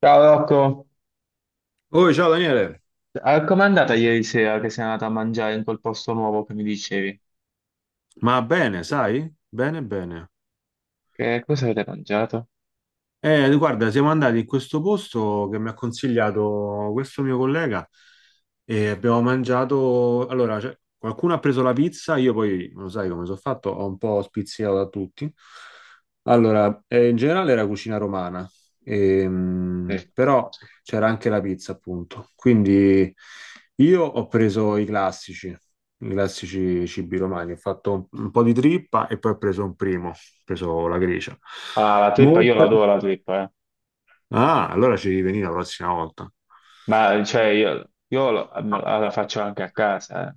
Ciao Rocco, Oh, ciao Daniele, com'è andata ieri sera che sei andata a mangiare in quel posto nuovo che mi dicevi? ma bene, sai? Bene, bene. Che cosa avete mangiato? Guarda, siamo andati in questo posto che mi ha consigliato questo mio collega e abbiamo mangiato. Allora, cioè, qualcuno ha preso la pizza, io poi, lo sai come sono fatto, ho un po' spizzicato da tutti. Allora, in generale era cucina romana, Sì. però c'era anche la pizza, appunto. Quindi io ho preso i classici cibi romani, ho fatto un po' di trippa e poi ho preso un primo, ho preso la gricia. Ah, la trippa, io Molte. l'adoro la trippa, eh. Ah, allora ci riveni la prossima volta. Ma cioè io la faccio anche a casa, eh.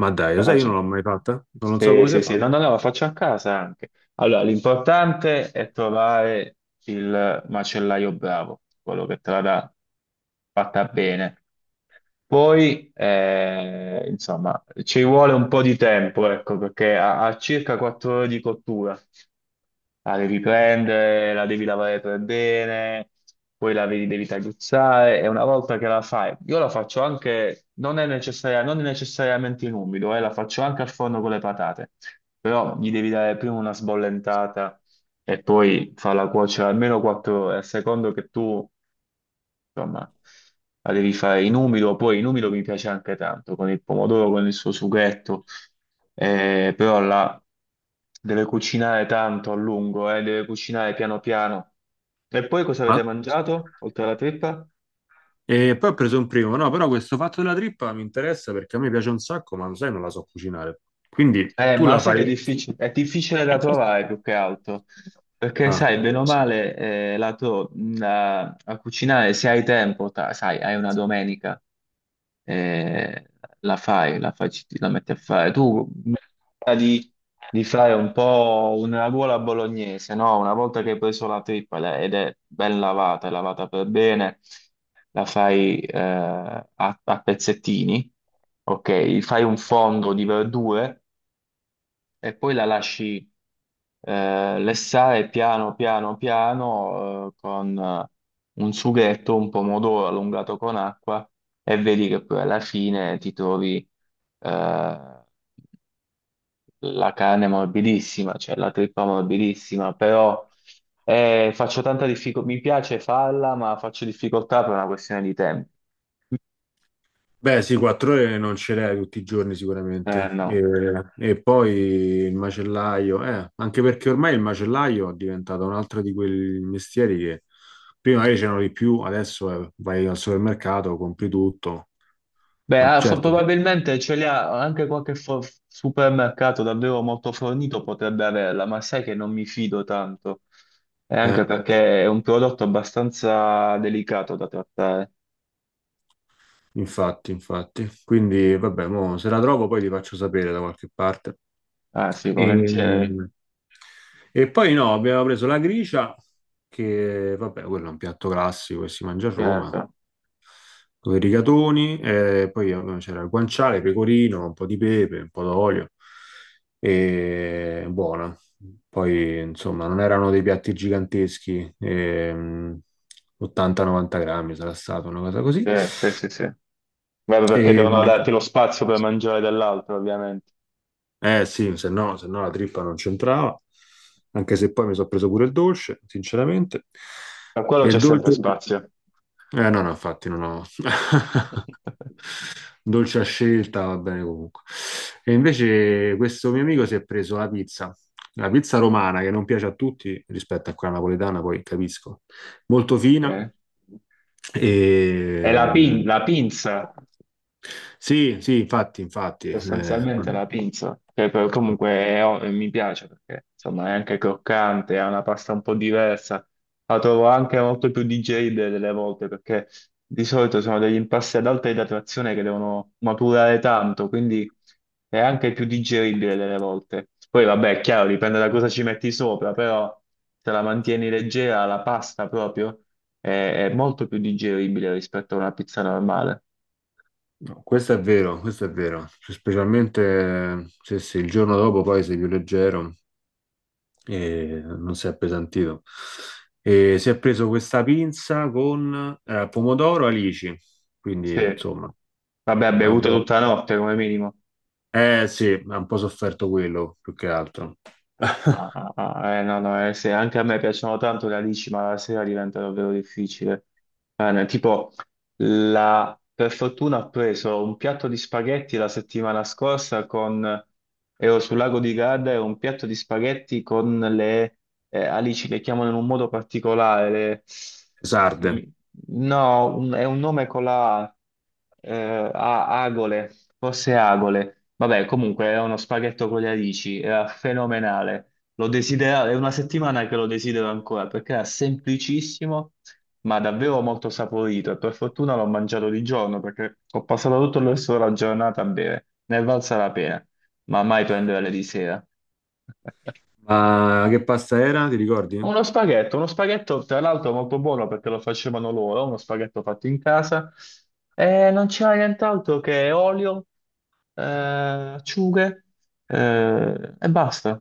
Ma dai, La lo sai, io non faccio- l'ho mai fatta, non lo so Sì, come si sì, sì, fa. no, no, no, la faccio a casa anche. Allora, l'importante è trovare il macellaio bravo, quello che te la dà fatta bene. Poi, insomma, ci vuole un po' di tempo, ecco, perché a circa 4 ore di cottura la devi prendere, la devi lavare per bene, poi la devi tagliuzzare e una volta che la fai, io la faccio anche, non necessariamente in umido, la faccio anche al forno con le patate, però gli devi dare prima una sbollentata e poi farla cuocere almeno 4 ore, a secondo che tu insomma, la devi fare in umido, poi in umido mi piace anche tanto, con il pomodoro, con il suo sughetto, però la deve cucinare tanto a lungo, deve cucinare piano piano. E poi cosa avete Ma... mangiato, oltre alla trippa? E poi ho preso un primo, no, però questo fatto della trippa mi interessa perché a me piace un sacco, ma lo sai, non la so cucinare. Quindi Eh, tu ma la sai che fai... è difficile da trovare più che altro, perché Ah, sai, bene o male, a cucinare se hai tempo, sai, hai una domenica, eh, la fai, la metti a fare. Tu di, di fare un po' una ruola bolognese, no? Una volta che hai preso la trippa ed è ben lavata, è lavata per bene, la fai a pezzettini, ok? Fai un fondo di verdure e poi la lasci lessare piano piano piano con un sughetto, un pomodoro allungato con acqua e vedi che poi alla fine ti trovi eh, la carne è morbidissima, cioè la trippa morbidissima, però faccio tanta difficoltà, mi piace farla, ma faccio difficoltà per una questione di tempo. beh, sì, 4 ore non ce l'hai tutti i giorni sicuramente. No. E poi il macellaio, anche perché ormai il macellaio è diventato un altro di quei mestieri che prima magari c'erano di più, adesso vai al supermercato, compri tutto. Beh, Ah, ah, certo, probabilmente ce li ha anche qualche supermercato davvero molto fornito potrebbe averla, ma sai che non mi fido tanto, e anche eh, perché è un prodotto abbastanza delicato da trattare. infatti, infatti. Quindi, vabbè, mo, se la trovo poi ti faccio sapere da qualche parte. Ah sì, E, volentieri, e poi no, abbiamo preso la gricia, che vabbè, quello è un piatto classico che si mangia a Roma. certo. Con i rigatoni, e poi vabbè, c'era il guanciale, pecorino, un po' di pepe, un po' d'olio, e buona. Poi, insomma, non erano dei piatti giganteschi, 80-90 grammi sarà stato, una cosa così. Sì, sì, sì, sì. Vabbè, perché E, devono darti lo spazio per mangiare dell'altro, ovviamente. eh sì, se no, se no la trippa non c'entrava, anche se poi mi sono preso pure il dolce, sinceramente. Per quello E il c'è sempre dolce... spazio. Eh no, no, infatti non ho... Dolce a scelta, va bene comunque. E invece questo mio amico si è preso la pizza romana che non piace a tutti rispetto a quella napoletana, poi capisco. Molto fina. Eh? È E... la pinza. Sì, sì, infatti, infatti. Eh, Sostanzialmente la pinza, che poi comunque mi piace perché insomma è anche croccante, è una pasta un po' diversa, la trovo anche molto più digeribile delle volte perché di solito sono degli impasti ad alta idratazione che devono maturare tanto, quindi è anche più digeribile delle volte. Poi vabbè, è chiaro, dipende da cosa ci metti sopra, però se la mantieni leggera, la pasta proprio è molto più digeribile rispetto a una pizza normale. no, questo è vero, questo è vero. Specialmente se il giorno dopo poi sei più leggero e non si è appesantito. E si è preso questa pinza con pomodoro alici, Sì. quindi insomma, Vabbè, ha ma bevuto buono. tutta la notte come minimo. Eh sì, ha un po' sofferto quello più che altro. Ah, ah, ah, no, no, se anche a me piacciono tanto le alici, ma la sera diventa davvero difficile. No, tipo, per fortuna ho preso un piatto di spaghetti la settimana scorsa con. Ero sul lago di Garda e ho un piatto di spaghetti con le alici, le chiamano in un modo particolare. Sarde. le- No, è un nome con la A, agole, forse agole. Vabbè, comunque è uno spaghetto con le alici, era fenomenale. È una settimana che lo desidero ancora perché era semplicissimo, ma davvero molto saporito. E per fortuna l'ho mangiato di giorno perché ho passato tutto il resto della giornata a bere. Ne è valsa la pena, ma mai prendere di sera. Ma che pasta era? Ti ricordi? Uno spaghetto tra l'altro molto buono perché lo facevano loro, uno spaghetto fatto in casa. E non c'era nient'altro che olio, acciughe, e basta.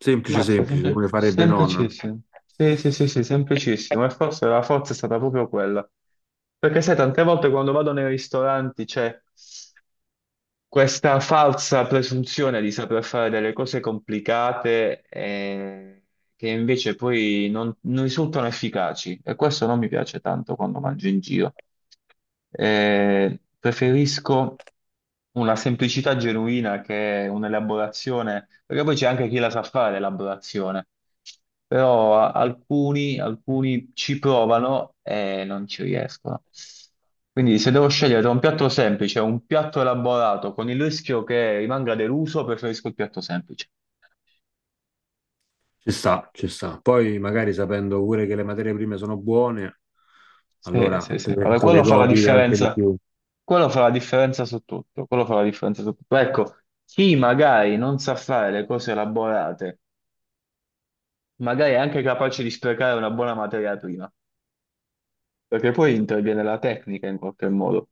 Semplice, Mazza, semplice, come le farebbe nonna. semplicissimo. Sì, sì, sì, sì, semplicissimo. E forse la forza è stata proprio quella. Perché sai, tante volte quando vado nei ristoranti c'è questa falsa presunzione di saper fare delle cose complicate che invece poi non risultano efficaci. E questo non mi piace tanto quando mangio in giro. Preferisco una semplicità genuina che un'elaborazione, perché poi c'è anche chi la sa fare l'elaborazione, però alcuni ci provano e non ci riescono. Quindi se devo scegliere tra un piatto semplice e un piatto elaborato con il rischio che rimanga deluso, preferisco il piatto semplice. Ci sta, ci sta. Poi magari sapendo pure che le materie prime sono buone, Sì, allora sì, sì. te, Vabbè, te le quello fa la godi anche di differenza. più. Quello fa la differenza su tutto. Quello fa la differenza su tutto. Ecco, chi magari non sa fare le cose elaborate, magari è anche capace di sprecare una buona materia prima, perché poi interviene la tecnica in qualche modo.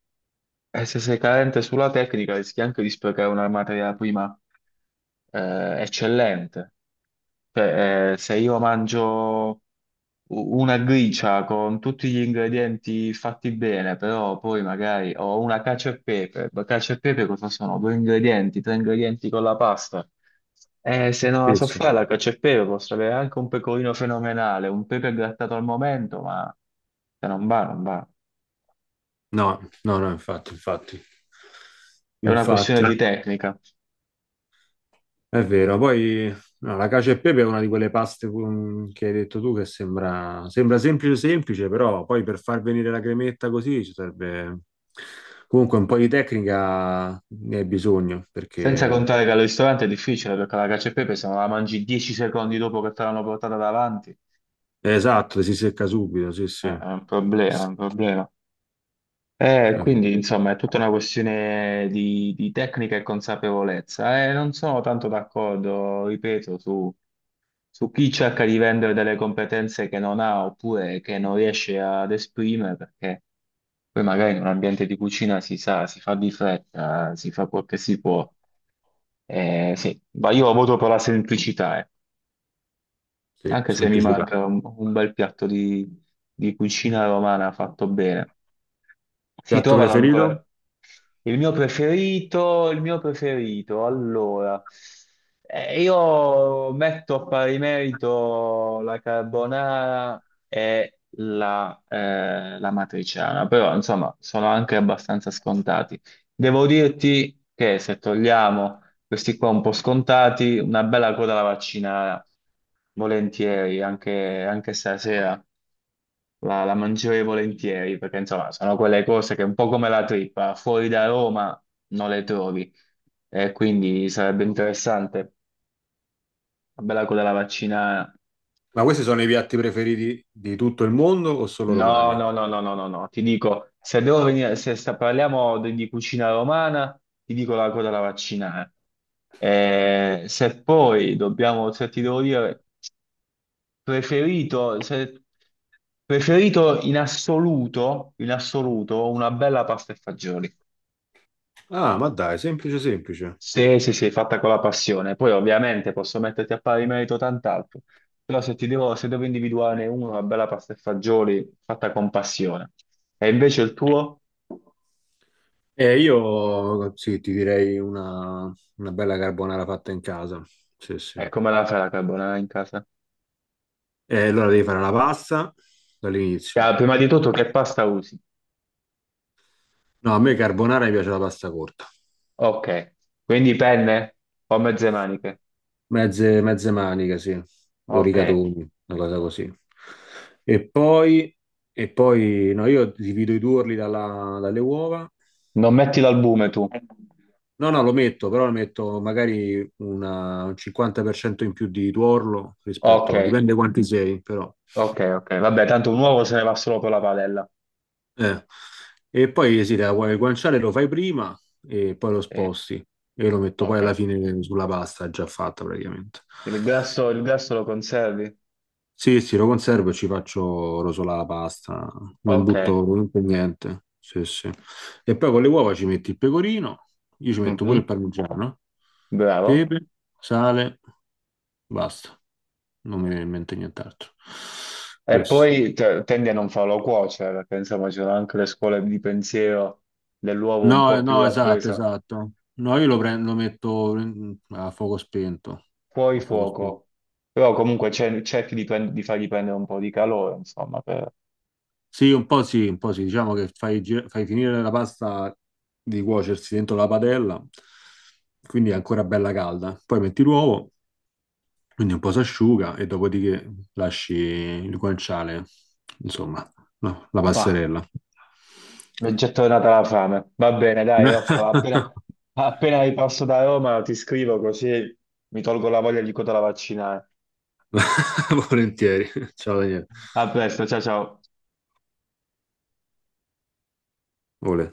E se sei carente sulla tecnica, rischi anche di sprecare una materia prima, eccellente. Cioè, se io mangio una gricia con tutti gli ingredienti fatti bene, però poi magari ho una cacio e pepe, ma cacio e pepe cosa sono? Due ingredienti, tre ingredienti con la pasta. Se non la Sì, so sì. fare la cacio e pepe posso avere anche un pecorino fenomenale, un pepe grattato al momento, ma se non va, non va. No, no, no, infatti, infatti, È una infatti, questione di ah, tecnica. è vero. Poi no, la cacio e pepe è una di quelle paste che hai detto tu che sembra, sembra semplice, semplice, però poi per far venire la cremetta così ci serve comunque un po' di tecnica, ne hai bisogno, Senza perché contare che al ristorante è difficile perché la cacio e pepe se non la mangi 10 secondi dopo che te l'hanno portata davanti. è esatto, si secca subito, sì, sì, È è è un problema, è un problema. Eh, vero. quindi, insomma, è tutta una questione di tecnica e consapevolezza. Non sono tanto d'accordo, ripeto, su chi cerca di vendere delle competenze che non ha oppure che non riesce ad esprimere, perché poi magari in un ambiente di cucina si sa, si fa di fretta, si fa quel che si può. Sì, ma io voto per la semplicità, eh. Sì, Anche se mi semplicità. manca un bel piatto di cucina romana fatto bene. Si Piatto trovano preferito? ancora. Il mio preferito, allora, io metto a pari merito la carbonara e la matriciana, però insomma sono anche abbastanza scontati. Devo dirti che se togliamo questi qua un po' scontati, una bella coda alla vaccinara, volentieri, anche stasera la mangerei volentieri perché insomma sono quelle cose che un po' come la trippa, fuori da Roma non le trovi e quindi sarebbe interessante. Bella quella la vaccina. Ma questi sono i piatti preferiti di tutto il mondo o solo No, romani? no, no, no, no, no, no, ti dico, se devo venire, se sta- parliamo di cucina romana, ti dico la coda alla vaccinare. Se poi dobbiamo, se ti devo dire, preferito, preferito in assoluto, una bella pasta e fagioli. Ah, ma dai, semplice, semplice. Sì, sì, sì, fatta con la passione. Poi ovviamente posso metterti a pari merito tant'altro, però se ti devo, se devo individuarne uno, una bella pasta e fagioli fatta con passione. E invece il tuo? Io sì, ti direi una bella carbonara fatta in casa. Sì, sì. E come la fai la carbonara in casa? E allora devi fare la pasta Ah, dall'inizio. prima di tutto che pasta usi? No, a me carbonara mi piace la pasta corta, Ok, quindi penne o mezze maniche? mezze, mezze maniche, sì, o Ok, rigatoni, una cosa così. E poi, e poi no, io divido i tuorli dalle uova. non metti l'albume tu? No, no, lo metto, però lo metto magari un 50% in più di tuorlo Ok, rispetto, dipende quanti sei, però. ok, ok. Vabbè, tanto un uovo se ne va solo per la padella. Eh. E poi sì, il guanciale lo fai prima e poi lo Sì, sposti e lo metto poi ok. alla fine sulla pasta già fatta praticamente. Il grasso lo conservi? Sì, sì, lo conservo e ci faccio rosolare la pasta, non Ok. butto comunque niente. Sì, sì. E poi con le uova ci metti il pecorino, io ci metto pure il Mhm. parmigiano, Bravo. pepe, sale, basta. Non mi viene in mente nient'altro. E Questo. poi tendi a non farlo cuocere, perché insomma c'erano anche le scuole di pensiero dell'uovo un No, po' più no, esatto, rappresa. esatto. No, io lo prendo, lo metto a fuoco spento. Fuori A fuoco spento. fuoco, però comunque cerchi di fargli prendere un po' di calore, insomma, per. Sì, un po' sì, un po' sì. Diciamo che fai, fai finire la pasta di cuocersi dentro la padella, quindi è ancora bella calda. Poi metti l'uovo, quindi un po' si asciuga e dopodiché lasci il guanciale, insomma, no, la Bah, passerella. mi è già tornata la fame. Va bene, dai, Rocco, appena ripasso da Roma ti scrivo così mi tolgo la voglia di cotola vaccinare. Volentieri. Ciao Daniele. A presto, ciao ciao. Ole.